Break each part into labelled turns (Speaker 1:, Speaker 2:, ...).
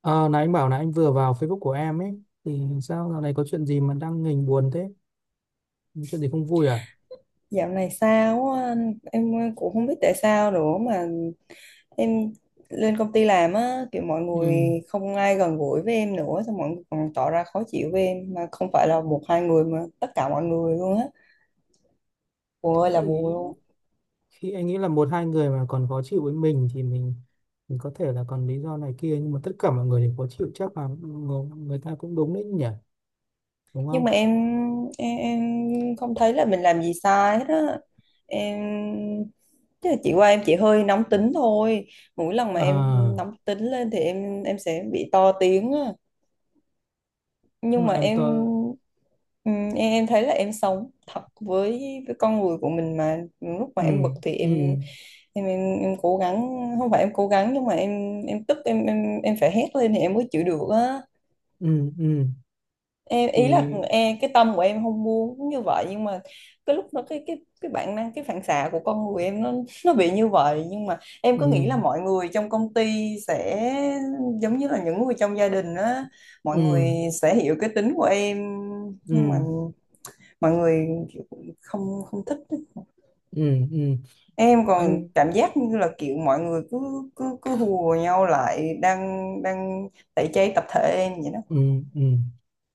Speaker 1: Ờ, nãy anh bảo là anh vừa vào Facebook của em ấy thì sao dạo này có chuyện gì mà đang nghềnh buồn thế? Chuyện gì không vui à?
Speaker 2: Dạo này sao á anh, em cũng không biết tại sao nữa mà em lên công ty làm á, kiểu mọi người
Speaker 1: Ừ.
Speaker 2: không ai gần gũi với em nữa, xong mọi người còn tỏ ra khó chịu với em, mà không phải là một hai người mà tất cả mọi người luôn á, buồn
Speaker 1: Thế
Speaker 2: ơi là buồn
Speaker 1: thì
Speaker 2: luôn.
Speaker 1: khi anh nghĩ là một hai người mà còn khó chịu với mình thì mình có thể là còn lý do này kia, nhưng mà tất cả mọi người đều khó chịu chắc là người ta cũng đúng đấy nhỉ? Đúng
Speaker 2: Nhưng
Speaker 1: không?
Speaker 2: mà em không thấy là mình làm gì sai hết á. Em tức là chị qua em chỉ hơi nóng tính thôi. Mỗi lần mà em
Speaker 1: À,
Speaker 2: nóng tính lên thì em sẽ bị to tiếng.
Speaker 1: tức
Speaker 2: Nhưng
Speaker 1: là
Speaker 2: mà
Speaker 1: em
Speaker 2: em,
Speaker 1: tơ.
Speaker 2: em thấy là em sống thật với con người của mình, mà lúc mà
Speaker 1: Ừ.
Speaker 2: em bực thì
Speaker 1: Ừ.
Speaker 2: em cố gắng, không phải em cố gắng, nhưng mà em tức, em phải hét lên thì em mới chịu được á.
Speaker 1: Ừ. Ừ.
Speaker 2: Em ý là
Speaker 1: Thì.
Speaker 2: em, cái tâm của em không muốn như vậy, nhưng mà cái lúc đó cái bản năng, cái phản xạ của con người em nó bị như vậy. Nhưng mà em
Speaker 1: Ừ.
Speaker 2: cứ nghĩ là mọi người trong công ty sẽ giống như là những người trong gia đình á, mọi
Speaker 1: Ừ.
Speaker 2: người sẽ hiểu cái tính của em. Nhưng mà
Speaker 1: Ừ.
Speaker 2: mọi người kiểu không không thích á.
Speaker 1: Ừ. Ừ.
Speaker 2: Em còn
Speaker 1: Anh.
Speaker 2: cảm giác như là kiểu mọi người cứ cứ cứ hùa nhau lại, đang đang tẩy chay tập thể em vậy đó.
Speaker 1: Ừ, ừ.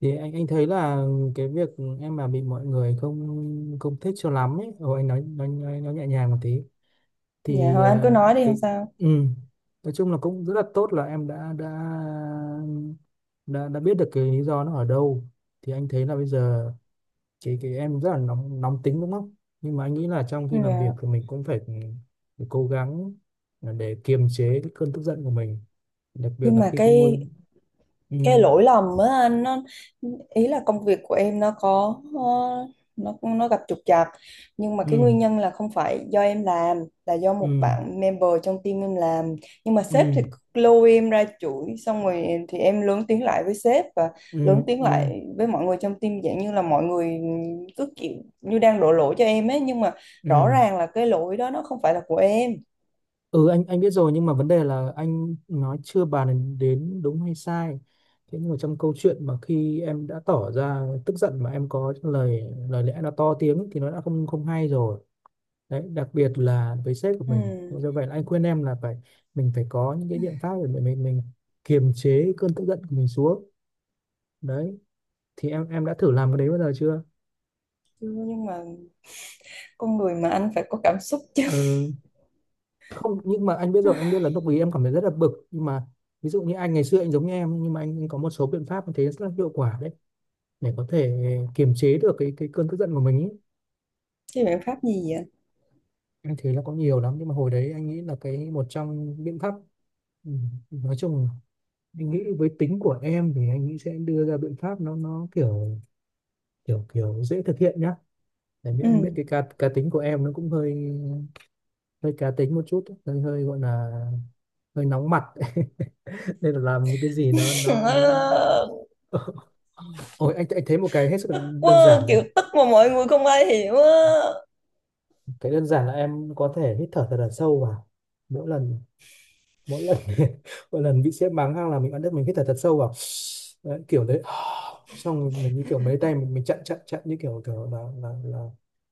Speaker 1: Thì anh thấy là cái việc em mà bị mọi người không không thích cho lắm ấy, rồi anh nói nói nhẹ nhàng một tí
Speaker 2: Dạ
Speaker 1: thì
Speaker 2: thôi anh cứ nói đi không
Speaker 1: cái.
Speaker 2: sao.
Speaker 1: Ừ. Nói chung là cũng rất là tốt là em đã biết được cái lý do nó ở đâu, thì anh thấy là bây giờ cái em rất là nóng nóng tính đúng không? Nhưng mà anh nghĩ là trong khi làm việc
Speaker 2: Dạ,
Speaker 1: thì mình cũng phải cố gắng để kiềm chế cái cơn tức giận của mình, đặc biệt
Speaker 2: nhưng
Speaker 1: là
Speaker 2: mà
Speaker 1: khi cái môi. Ừ,
Speaker 2: cái lỗi lầm á anh, nó ý là công việc của em nó có nó gặp trục trặc, nhưng mà cái
Speaker 1: ừ,
Speaker 2: nguyên nhân là không phải do em làm, là do một
Speaker 1: ừ.
Speaker 2: bạn member trong team em làm. Nhưng mà sếp
Speaker 1: Ừ.
Speaker 2: thì lôi em ra chửi, xong rồi thì em lớn tiếng lại với sếp và
Speaker 1: Ừ.
Speaker 2: lớn tiếng
Speaker 1: Ừ.
Speaker 2: lại với mọi người trong team, dạng như là mọi người cứ kiểu như đang đổ lỗi cho em ấy, nhưng mà rõ
Speaker 1: Ừ.
Speaker 2: ràng là cái lỗi đó nó không phải là của em.
Speaker 1: Ừ. Anh biết rồi, nhưng mà vấn đề là anh nói chưa bàn đến đến đúng hay sai, thế nhưng mà trong câu chuyện mà khi em đã tỏ ra tức giận mà em có lời lời lẽ nó to tiếng thì nó đã không không hay rồi đấy, đặc biệt là với sếp của mình,
Speaker 2: Ừ.
Speaker 1: do vậy là anh khuyên em là phải mình phải có những cái biện pháp để mình kiềm chế cơn tức giận của mình xuống đấy, thì em đã thử làm cái đấy bao giờ chưa?
Speaker 2: Chưa, nhưng mà con người mà anh, phải có cảm xúc chứ.
Speaker 1: Ừ. Không, nhưng mà anh biết rồi, anh biết là lúc ý em cảm thấy rất là bực, nhưng mà ví dụ như anh ngày xưa anh giống như em nhưng mà anh có một số biện pháp anh thấy rất là hiệu quả đấy, để có thể kiềm chế được cái cơn tức giận của mình ý.
Speaker 2: Chứ biện pháp gì vậy?
Speaker 1: Anh thấy là có nhiều lắm nhưng mà hồi đấy anh nghĩ là cái một trong biện pháp, ừ, nói chung anh nghĩ với tính của em thì anh nghĩ sẽ đưa ra biện pháp nó kiểu kiểu kiểu dễ thực hiện nhá, tại vì anh biết
Speaker 2: Ừ.
Speaker 1: cái cá cá tính của em nó cũng hơi, hơi cá tính một chút, hơi hơi gọi là hơi nóng mặt nên là làm cái gì nó nó
Speaker 2: Trời
Speaker 1: nó
Speaker 2: ơi.
Speaker 1: Ôi, anh thấy một cái hết sức là đơn
Speaker 2: Wow,
Speaker 1: giản
Speaker 2: kiểu
Speaker 1: này.
Speaker 2: tức mà mọi người không ai hiểu á.
Speaker 1: Cái đơn giản là em có thể hít thở thật là sâu vào. Mỗi lần mỗi lần mỗi lần bị sếp mắng hay là mình ăn đứt mình hít thở thật sâu vào. Đấy, kiểu đấy. Xong mình như kiểu mấy tay mình chặn chặn chặn như kiểu kiểu là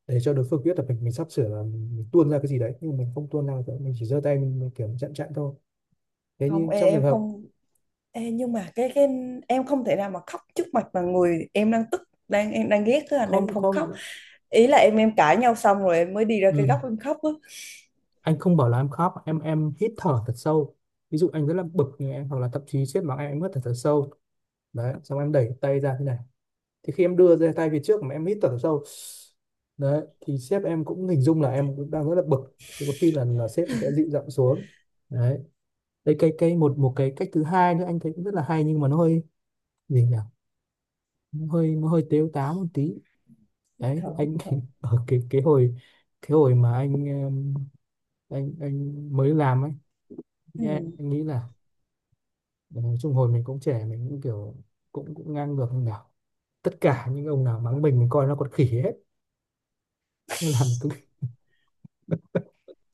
Speaker 1: để cho đối phương biết là mình sắp sửa là mình tuôn ra cái gì đấy, nhưng mình không tuôn ra cái- mình chỉ giơ tay mình kiểu chặn chặn thôi. Thế
Speaker 2: Không
Speaker 1: nhưng
Speaker 2: ê,
Speaker 1: trong trường
Speaker 2: em
Speaker 1: hợp
Speaker 2: không, ê, nhưng mà cái em không thể nào mà khóc trước mặt mà người em đang tức, đang em đang ghét, cái anh em
Speaker 1: không.
Speaker 2: không khóc.
Speaker 1: Không.
Speaker 2: Ý là em cãi nhau xong rồi em mới đi ra cái
Speaker 1: Ừ.
Speaker 2: góc em khóc á.
Speaker 1: Anh không bảo là em khóc, em hít thở thật sâu. Ví dụ anh rất là bực thì em hoặc là thậm chí sếp mắng em hít thở thật sâu đấy, xong em đẩy tay ra thế này, thì khi em đưa ra tay về trước mà em hít thở sâu đấy thì sếp em cũng hình dung là em cũng đang rất là bực, thì có khi là sếp sẽ dịu giọng xuống đấy. Đây cái một một cái cách thứ hai nữa anh thấy cũng rất là hay, nhưng mà nó hơi, gì nhỉ, nó hơi tếu táo một tí đấy,
Speaker 2: Thôi,
Speaker 1: anh
Speaker 2: thôi.
Speaker 1: ở cái hồi, cái hồi mà anh em, anh mới làm ấy anh nghĩ là, nói chung hồi mình cũng trẻ, mình cũng kiểu cũng cũng ngang ngược như nào, tất cả những ông nào mắng mình coi nó còn khỉ hết, nó làm tôi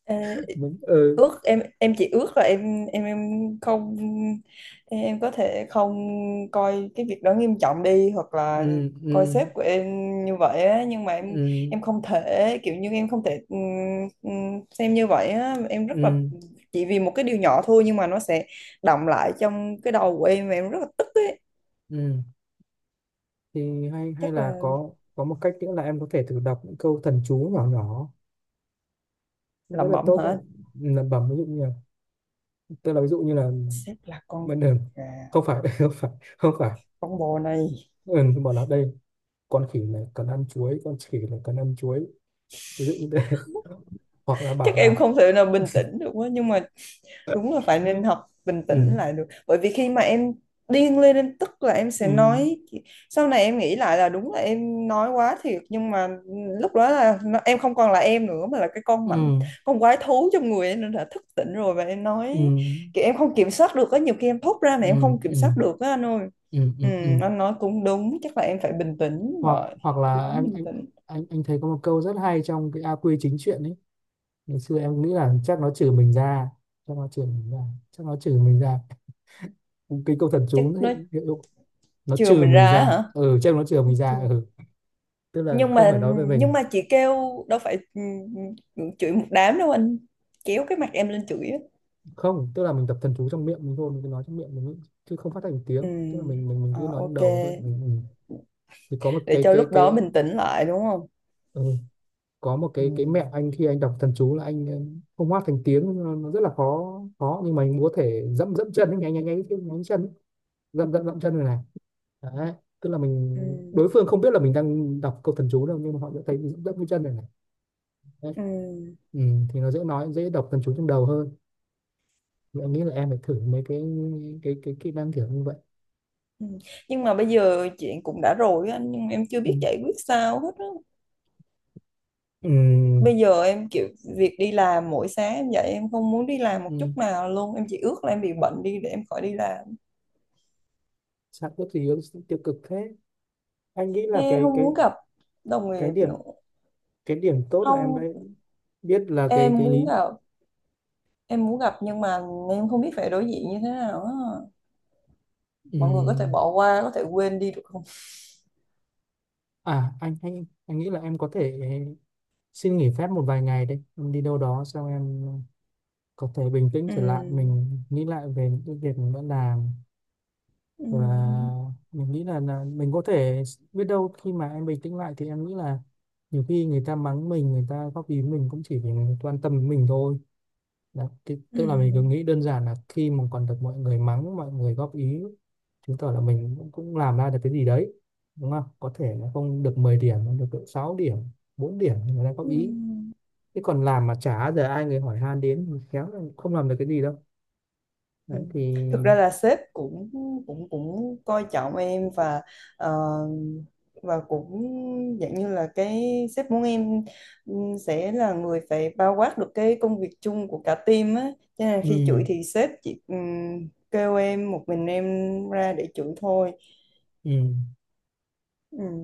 Speaker 2: Ừ.
Speaker 1: mình. Ừ.
Speaker 2: Ước, em chỉ ước là không, em có thể không coi cái việc đó nghiêm trọng đi, hoặc là
Speaker 1: Ừ.
Speaker 2: coi
Speaker 1: Ừ.
Speaker 2: sếp của em như vậy á. Nhưng mà em
Speaker 1: Ừ.
Speaker 2: em không thể, kiểu như em không thể, xem như vậy á. Em rất là,
Speaker 1: Ừ.
Speaker 2: chỉ vì một cái điều nhỏ thôi nhưng mà nó sẽ đọng lại trong cái đầu của em và em rất là tức ấy.
Speaker 1: Ừ. Thì hay hay
Speaker 2: Chắc
Speaker 1: là
Speaker 2: là
Speaker 1: có một cách nữa là em có thể thử đọc những câu thần chú nhỏ nhỏ, cũng rất
Speaker 2: làm
Speaker 1: là
Speaker 2: bẩm
Speaker 1: tốt đấy,
Speaker 2: hả?
Speaker 1: lẩm bẩm ví dụ như là, tức là ví dụ như là
Speaker 2: Sếp là con
Speaker 1: bên đường,
Speaker 2: gà,
Speaker 1: không phải không phải, không phải.
Speaker 2: con bò này.
Speaker 1: Ừ, bảo là đây, con khỉ này cần ăn chuối, con khỉ này cần ăn chuối, ví dụ như thế hoặc là
Speaker 2: Chắc
Speaker 1: bảo là.
Speaker 2: em không thể nào bình tĩnh được quá nhưng mà đúng là phải
Speaker 1: Ừ.
Speaker 2: nên học bình
Speaker 1: Ừ.
Speaker 2: tĩnh lại được, bởi vì khi mà em điên lên em tức là em sẽ
Speaker 1: Ừ.
Speaker 2: nói. Sau này em nghĩ lại là đúng là em nói quá thiệt, nhưng mà lúc đó là nó, em không còn là em nữa, mà là cái con mảnh,
Speaker 1: Ừ.
Speaker 2: con quái thú trong người em đã thức tỉnh rồi và em
Speaker 1: Ừ.
Speaker 2: nói kiểu em không kiểm soát được á. Nhiều khi em thốt ra mà
Speaker 1: Ừ.
Speaker 2: em
Speaker 1: Ừ.
Speaker 2: không
Speaker 1: Ừ.
Speaker 2: kiểm soát được á anh ơi.
Speaker 1: Ừ. Ừ.
Speaker 2: Ừ,
Speaker 1: Ừ, ừ.
Speaker 2: anh nói cũng đúng, chắc là em phải bình tĩnh
Speaker 1: hoặc
Speaker 2: rồi,
Speaker 1: hoặc
Speaker 2: cố
Speaker 1: là
Speaker 2: gắng bình
Speaker 1: anh
Speaker 2: tĩnh.
Speaker 1: anh thấy có một câu rất hay trong cái A Quy chính truyện ấy, ngày xưa em nghĩ là chắc nó trừ mình ra, chắc nó trừ mình ra, chắc nó trừ mình ra, cái câu thần
Speaker 2: Chắc
Speaker 1: chú nó
Speaker 2: nó
Speaker 1: hiện, hiện dụng, nó
Speaker 2: chừa
Speaker 1: trừ
Speaker 2: mình
Speaker 1: mình
Speaker 2: ra á
Speaker 1: ra
Speaker 2: hả?
Speaker 1: ừ, chắc nó trừ
Speaker 2: Nó
Speaker 1: mình
Speaker 2: chừa,
Speaker 1: ra ừ, tức là
Speaker 2: nhưng
Speaker 1: không
Speaker 2: mà,
Speaker 1: phải nói về
Speaker 2: nhưng
Speaker 1: mình.
Speaker 2: mà chị kêu đâu phải, ừ, ừ, chửi một đám đâu anh, kéo cái mặt em lên chửi á.
Speaker 1: Không, tức là mình tập thần chú trong miệng mình thôi, mình cứ nói trong miệng mình nghĩ, chứ không phát thành tiếng,
Speaker 2: Ừ.
Speaker 1: tức là mình cứ
Speaker 2: Ờ,
Speaker 1: nói trong
Speaker 2: ok.
Speaker 1: đầu thôi mình. Ừ. Thì có một
Speaker 2: Để
Speaker 1: cái
Speaker 2: cho
Speaker 1: cái
Speaker 2: lúc đó
Speaker 1: cái.
Speaker 2: mình tỉnh lại đúng không?
Speaker 1: Ừ, có một
Speaker 2: Ừ.
Speaker 1: cái mẹo anh khi anh đọc thần chú là anh, không hát thành tiếng nó rất là khó khó, nhưng mà anh có thể dẫm dẫm chân ấy, nháy nháy chân ấy, dẫm dẫm dẫm chân này này đấy, tức là mình
Speaker 2: Ừ.
Speaker 1: đối phương không biết là mình đang đọc câu thần chú đâu, nhưng mà họ sẽ thấy mình dẫm dẫm cái chân này này đấy.
Speaker 2: Ừ.
Speaker 1: Ừ, thì nó dễ nói dễ đọc thần chú trong đầu hơn, thì anh nghĩ là em phải thử mấy cái kỹ năng kiểu như vậy.
Speaker 2: Ừ. Nhưng mà bây giờ chuyện cũng đã rồi á anh, nhưng mà em chưa
Speaker 1: Ừ.
Speaker 2: biết giải quyết sao hết á.
Speaker 1: Ừ.
Speaker 2: Bây giờ em kiểu, việc đi làm mỗi sáng em dậy em không muốn đi làm một
Speaker 1: Ừ.
Speaker 2: chút nào luôn, em chỉ ước là em bị bệnh đi để em khỏi đi làm.
Speaker 1: Sao có gì tiêu cực thế, anh nghĩ là
Speaker 2: Em
Speaker 1: cái
Speaker 2: không
Speaker 1: cái
Speaker 2: muốn gặp đồng
Speaker 1: cái
Speaker 2: nghiệp
Speaker 1: điểm,
Speaker 2: nữa.
Speaker 1: cái điểm tốt là em đã
Speaker 2: Không,
Speaker 1: biết là cái
Speaker 2: em
Speaker 1: cái
Speaker 2: muốn
Speaker 1: lý.
Speaker 2: gặp, nhưng mà em không biết phải đối diện như thế nào á. Mọi người có thể
Speaker 1: Ừm,
Speaker 2: bỏ qua, có thể quên đi được không?
Speaker 1: À anh nghĩ là em có thể xin nghỉ phép một vài ngày đấy, em đi đâu đó xong em có thể bình tĩnh
Speaker 2: Ừ.
Speaker 1: trở lại, mình nghĩ lại về những cái việc mình đã làm và
Speaker 2: Ừ.
Speaker 1: mình nghĩ là mình có thể, biết đâu khi mà em bình tĩnh lại thì em nghĩ là nhiều khi người ta mắng mình, người ta góp ý mình cũng chỉ vì người ta quan tâm đến mình thôi. Đó, thì,
Speaker 2: Ừ.
Speaker 1: tức là mình cứ nghĩ đơn giản là khi mà còn được mọi người mắng, mọi người góp ý, chứng tỏ là mình cũng làm ra được cái gì đấy, đúng không? Có thể là không được 10 điểm, nó được độ 6 điểm, 4 điểm người ta góp ý.
Speaker 2: Ừ.
Speaker 1: Thế còn làm mà chả giờ ai người hỏi han đến thì khéo là không làm được cái gì đâu.
Speaker 2: Ừ.
Speaker 1: Đấy thì.
Speaker 2: Thực ra là sếp cũng cũng cũng coi trọng em, và ờ, và cũng dạng như là cái, sếp muốn em, ừ, sẽ là người phải bao quát được cái công việc chung của cả team á, cho nên là khi
Speaker 1: Ừ.
Speaker 2: chửi thì sếp chỉ, ừ, kêu em một mình em ra để chửi thôi.
Speaker 1: Ừ.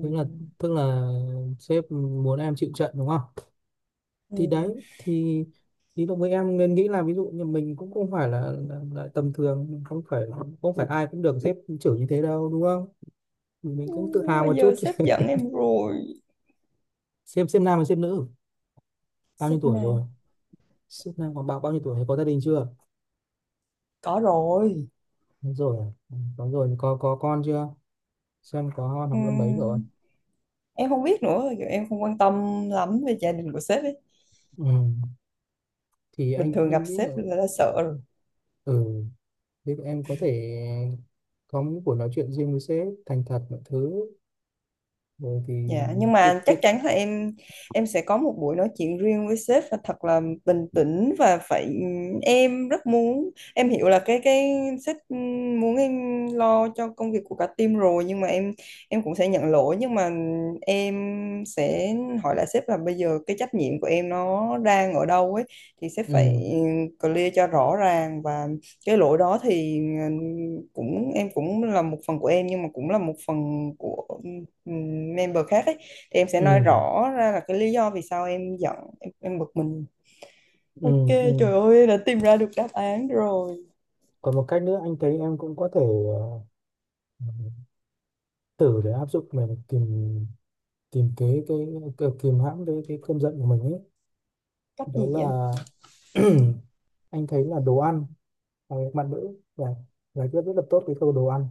Speaker 1: tức là tức là sếp muốn em chịu trận đúng không?
Speaker 2: Ừ.
Speaker 1: Thì đấy thì đồng với em nên nghĩ là ví dụ như mình cũng không phải là tầm thường, không phải không phải ai cũng được sếp chửi như thế đâu đúng không? Thì mình
Speaker 2: Ừ,
Speaker 1: cũng tự
Speaker 2: nhưng
Speaker 1: hào
Speaker 2: mà
Speaker 1: một chút
Speaker 2: giờ sếp
Speaker 1: chứ.
Speaker 2: giận em rồi.
Speaker 1: Xem nam và xem nữ bao nhiêu
Speaker 2: Sếp
Speaker 1: tuổi
Speaker 2: này
Speaker 1: rồi, sếp nam còn bao bao nhiêu tuổi, có gia đình chưa?
Speaker 2: có rồi.
Speaker 1: Đúng rồi. Ừ, đúng rồi, có con chưa, xem có con
Speaker 2: Ừ,
Speaker 1: học lớp mấy rồi.
Speaker 2: em không biết nữa, giờ em không quan tâm lắm về gia đình của sếp ấy.
Speaker 1: Ừ. Thì
Speaker 2: Bình
Speaker 1: anh
Speaker 2: thường gặp
Speaker 1: anh nghĩ là.
Speaker 2: sếp là đã sợ rồi.
Speaker 1: Ừ. Thế thì em có thể có những buổi nói chuyện riêng với sếp, thành thật mọi thứ rồi thì
Speaker 2: Dạ, nhưng
Speaker 1: kết
Speaker 2: mà
Speaker 1: kết
Speaker 2: chắc chắn là em sẽ có một buổi nói chuyện riêng với sếp và thật là bình tĩnh và phải, em rất muốn, em hiểu là cái sếp muốn em lo cho công việc của cả team rồi, nhưng mà em cũng sẽ nhận lỗi, nhưng mà em sẽ hỏi lại sếp là bây giờ cái trách nhiệm của em nó đang ở đâu ấy, thì sếp
Speaker 1: Ừ.
Speaker 2: phải clear cho rõ ràng. Và cái lỗi đó thì, ờ, cũng em cũng là một phần của em, nhưng mà cũng là một phần của, member khác ấy. Thì em sẽ nói
Speaker 1: Ừ.
Speaker 2: rõ ra là cái lý do vì sao em giận, em bực mình. Ok.
Speaker 1: Ừ, ừ.
Speaker 2: Trời ơi, đã tìm ra được đáp án rồi.
Speaker 1: Còn một cách nữa anh thấy em cũng có thể thử để áp dụng để tìm tìm cái kìm hãm cái cơn giận của mình ấy,
Speaker 2: Cách
Speaker 1: đó
Speaker 2: gì
Speaker 1: là
Speaker 2: vậy anh?
Speaker 1: anh thấy là đồ ăn và bạn nữ và giải quyết rất là tốt cái câu đồ ăn,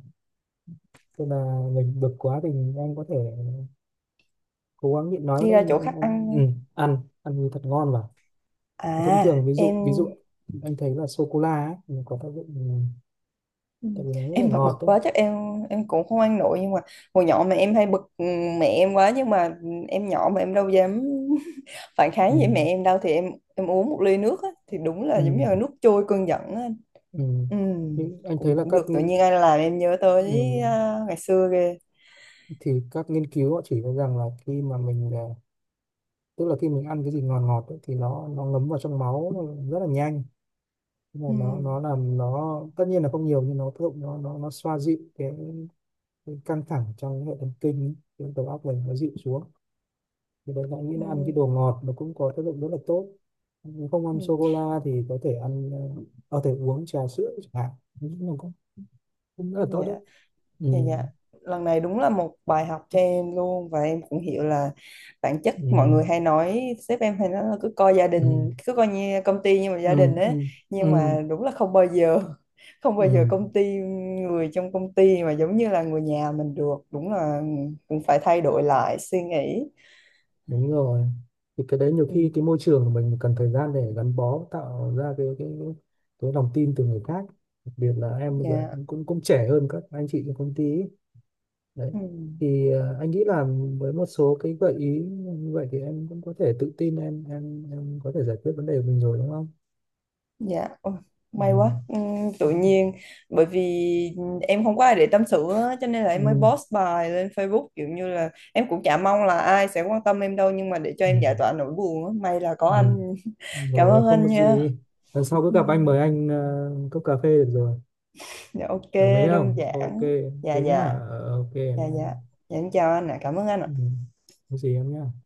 Speaker 1: tức là mình bực quá thì anh có thể cố gắng nhịn nói
Speaker 2: Đi
Speaker 1: đấy,
Speaker 2: ra
Speaker 1: mình
Speaker 2: chỗ
Speaker 1: ăn
Speaker 2: khách
Speaker 1: ăn,
Speaker 2: ăn.
Speaker 1: ừ, ăn ăn thật ngon vào,
Speaker 2: À
Speaker 1: thông thường ví dụ ví dụ anh thấy là sô cô la ấy nó có tác dụng, ừ, tại vì nó rất là
Speaker 2: em mà
Speaker 1: ngọt
Speaker 2: bực
Speaker 1: đấy,
Speaker 2: quá chắc em cũng không ăn nổi, nhưng mà hồi nhỏ mà em hay bực mẹ em quá, nhưng mà em nhỏ mà em đâu dám phản
Speaker 1: ừ,
Speaker 2: kháng với mẹ em đâu, thì em uống một ly nước á, thì đúng là giống như là
Speaker 1: ừ.
Speaker 2: nước trôi cơn giận á.
Speaker 1: Ừ.
Speaker 2: Ừ,
Speaker 1: Nhưng anh thấy
Speaker 2: cũng
Speaker 1: là
Speaker 2: cũng
Speaker 1: các
Speaker 2: được, tự
Speaker 1: nghị.
Speaker 2: nhiên anh làm em nhớ tới
Speaker 1: Ừ.
Speaker 2: à, ngày xưa ghê.
Speaker 1: Thì các nghiên cứu họ chỉ ra rằng là khi mà mình, à, tức là khi mình ăn cái gì ngọt ngọt ấy, thì nó ngấm vào trong máu rất là nhanh. Mà
Speaker 2: Ừ,
Speaker 1: nó làm nó tất nhiên là không nhiều, nhưng nó tác dụng nó xoa dịu cái căng thẳng trong hệ thần kinh, cái đầu óc mình nó dịu xuống, thì đấy là anh nghĩ
Speaker 2: ừ,
Speaker 1: là ăn cái đồ ngọt nó cũng có tác dụng rất là tốt. Nếu không ăn sô cô
Speaker 2: ừ.
Speaker 1: la thì có thể ăn có thể uống trà sữa chẳng hạn, nó cũng cũng rất là
Speaker 2: Dạ,
Speaker 1: tốt đấy. Ừ.
Speaker 2: dạ, dạ. Lần này đúng là một bài học cho em luôn, và em cũng hiểu là bản chất mọi
Speaker 1: Ừ.
Speaker 2: người hay nói, sếp em hay nói là cứ coi gia
Speaker 1: Ừ.
Speaker 2: đình, cứ coi như công ty như một
Speaker 1: Ừ.
Speaker 2: gia đình ấy,
Speaker 1: Ừ.
Speaker 2: nhưng
Speaker 1: Ừ.
Speaker 2: mà đúng là không bao giờ, không
Speaker 1: Ừ.
Speaker 2: bao giờ công ty, người trong công ty mà giống như là người nhà mình được. Đúng là cũng phải thay đổi lại suy nghĩ.
Speaker 1: Đúng rồi, thì cái đấy nhiều khi
Speaker 2: Ừ,
Speaker 1: cái môi trường của mình cần thời gian để gắn bó tạo ra cái cái lòng tin từ người khác, đặc biệt là em bây giờ
Speaker 2: dạ,
Speaker 1: cũng cũng, cũng trẻ hơn các anh chị trong công ty ấy. Đấy,
Speaker 2: ừ.
Speaker 1: thì anh nghĩ là với một số cái gợi ý như vậy thì em cũng có thể tự tin em có thể giải quyết vấn đề của mình rồi đúng không?
Speaker 2: Dạ, ôi,
Speaker 1: Ừ.
Speaker 2: may quá. Tự
Speaker 1: Ừ.
Speaker 2: nhiên, bởi vì em không có ai để tâm sự á, cho nên là
Speaker 1: Ừ.
Speaker 2: em mới post bài lên Facebook, kiểu như là em cũng chả mong là ai sẽ quan tâm em đâu, nhưng mà để cho
Speaker 1: Ừ,
Speaker 2: em giải tỏa nỗi buồn á, may là có
Speaker 1: ừ.
Speaker 2: anh. Cảm
Speaker 1: Rồi
Speaker 2: ơn
Speaker 1: không
Speaker 2: anh
Speaker 1: có
Speaker 2: nha.
Speaker 1: gì, lần sau cứ gặp anh,
Speaker 2: Ừm,
Speaker 1: mời anh cốc cà phê được rồi,
Speaker 2: Dạ ok,
Speaker 1: đồng ý
Speaker 2: đơn
Speaker 1: không? Ok,
Speaker 2: giản, dạ
Speaker 1: thế nhá.
Speaker 2: dạ,
Speaker 1: Ờ, ok.
Speaker 2: dạ dạ, dạ em chào anh ạ, cảm ơn anh
Speaker 1: Ừ.
Speaker 2: ạ.
Speaker 1: Có gì em nhá.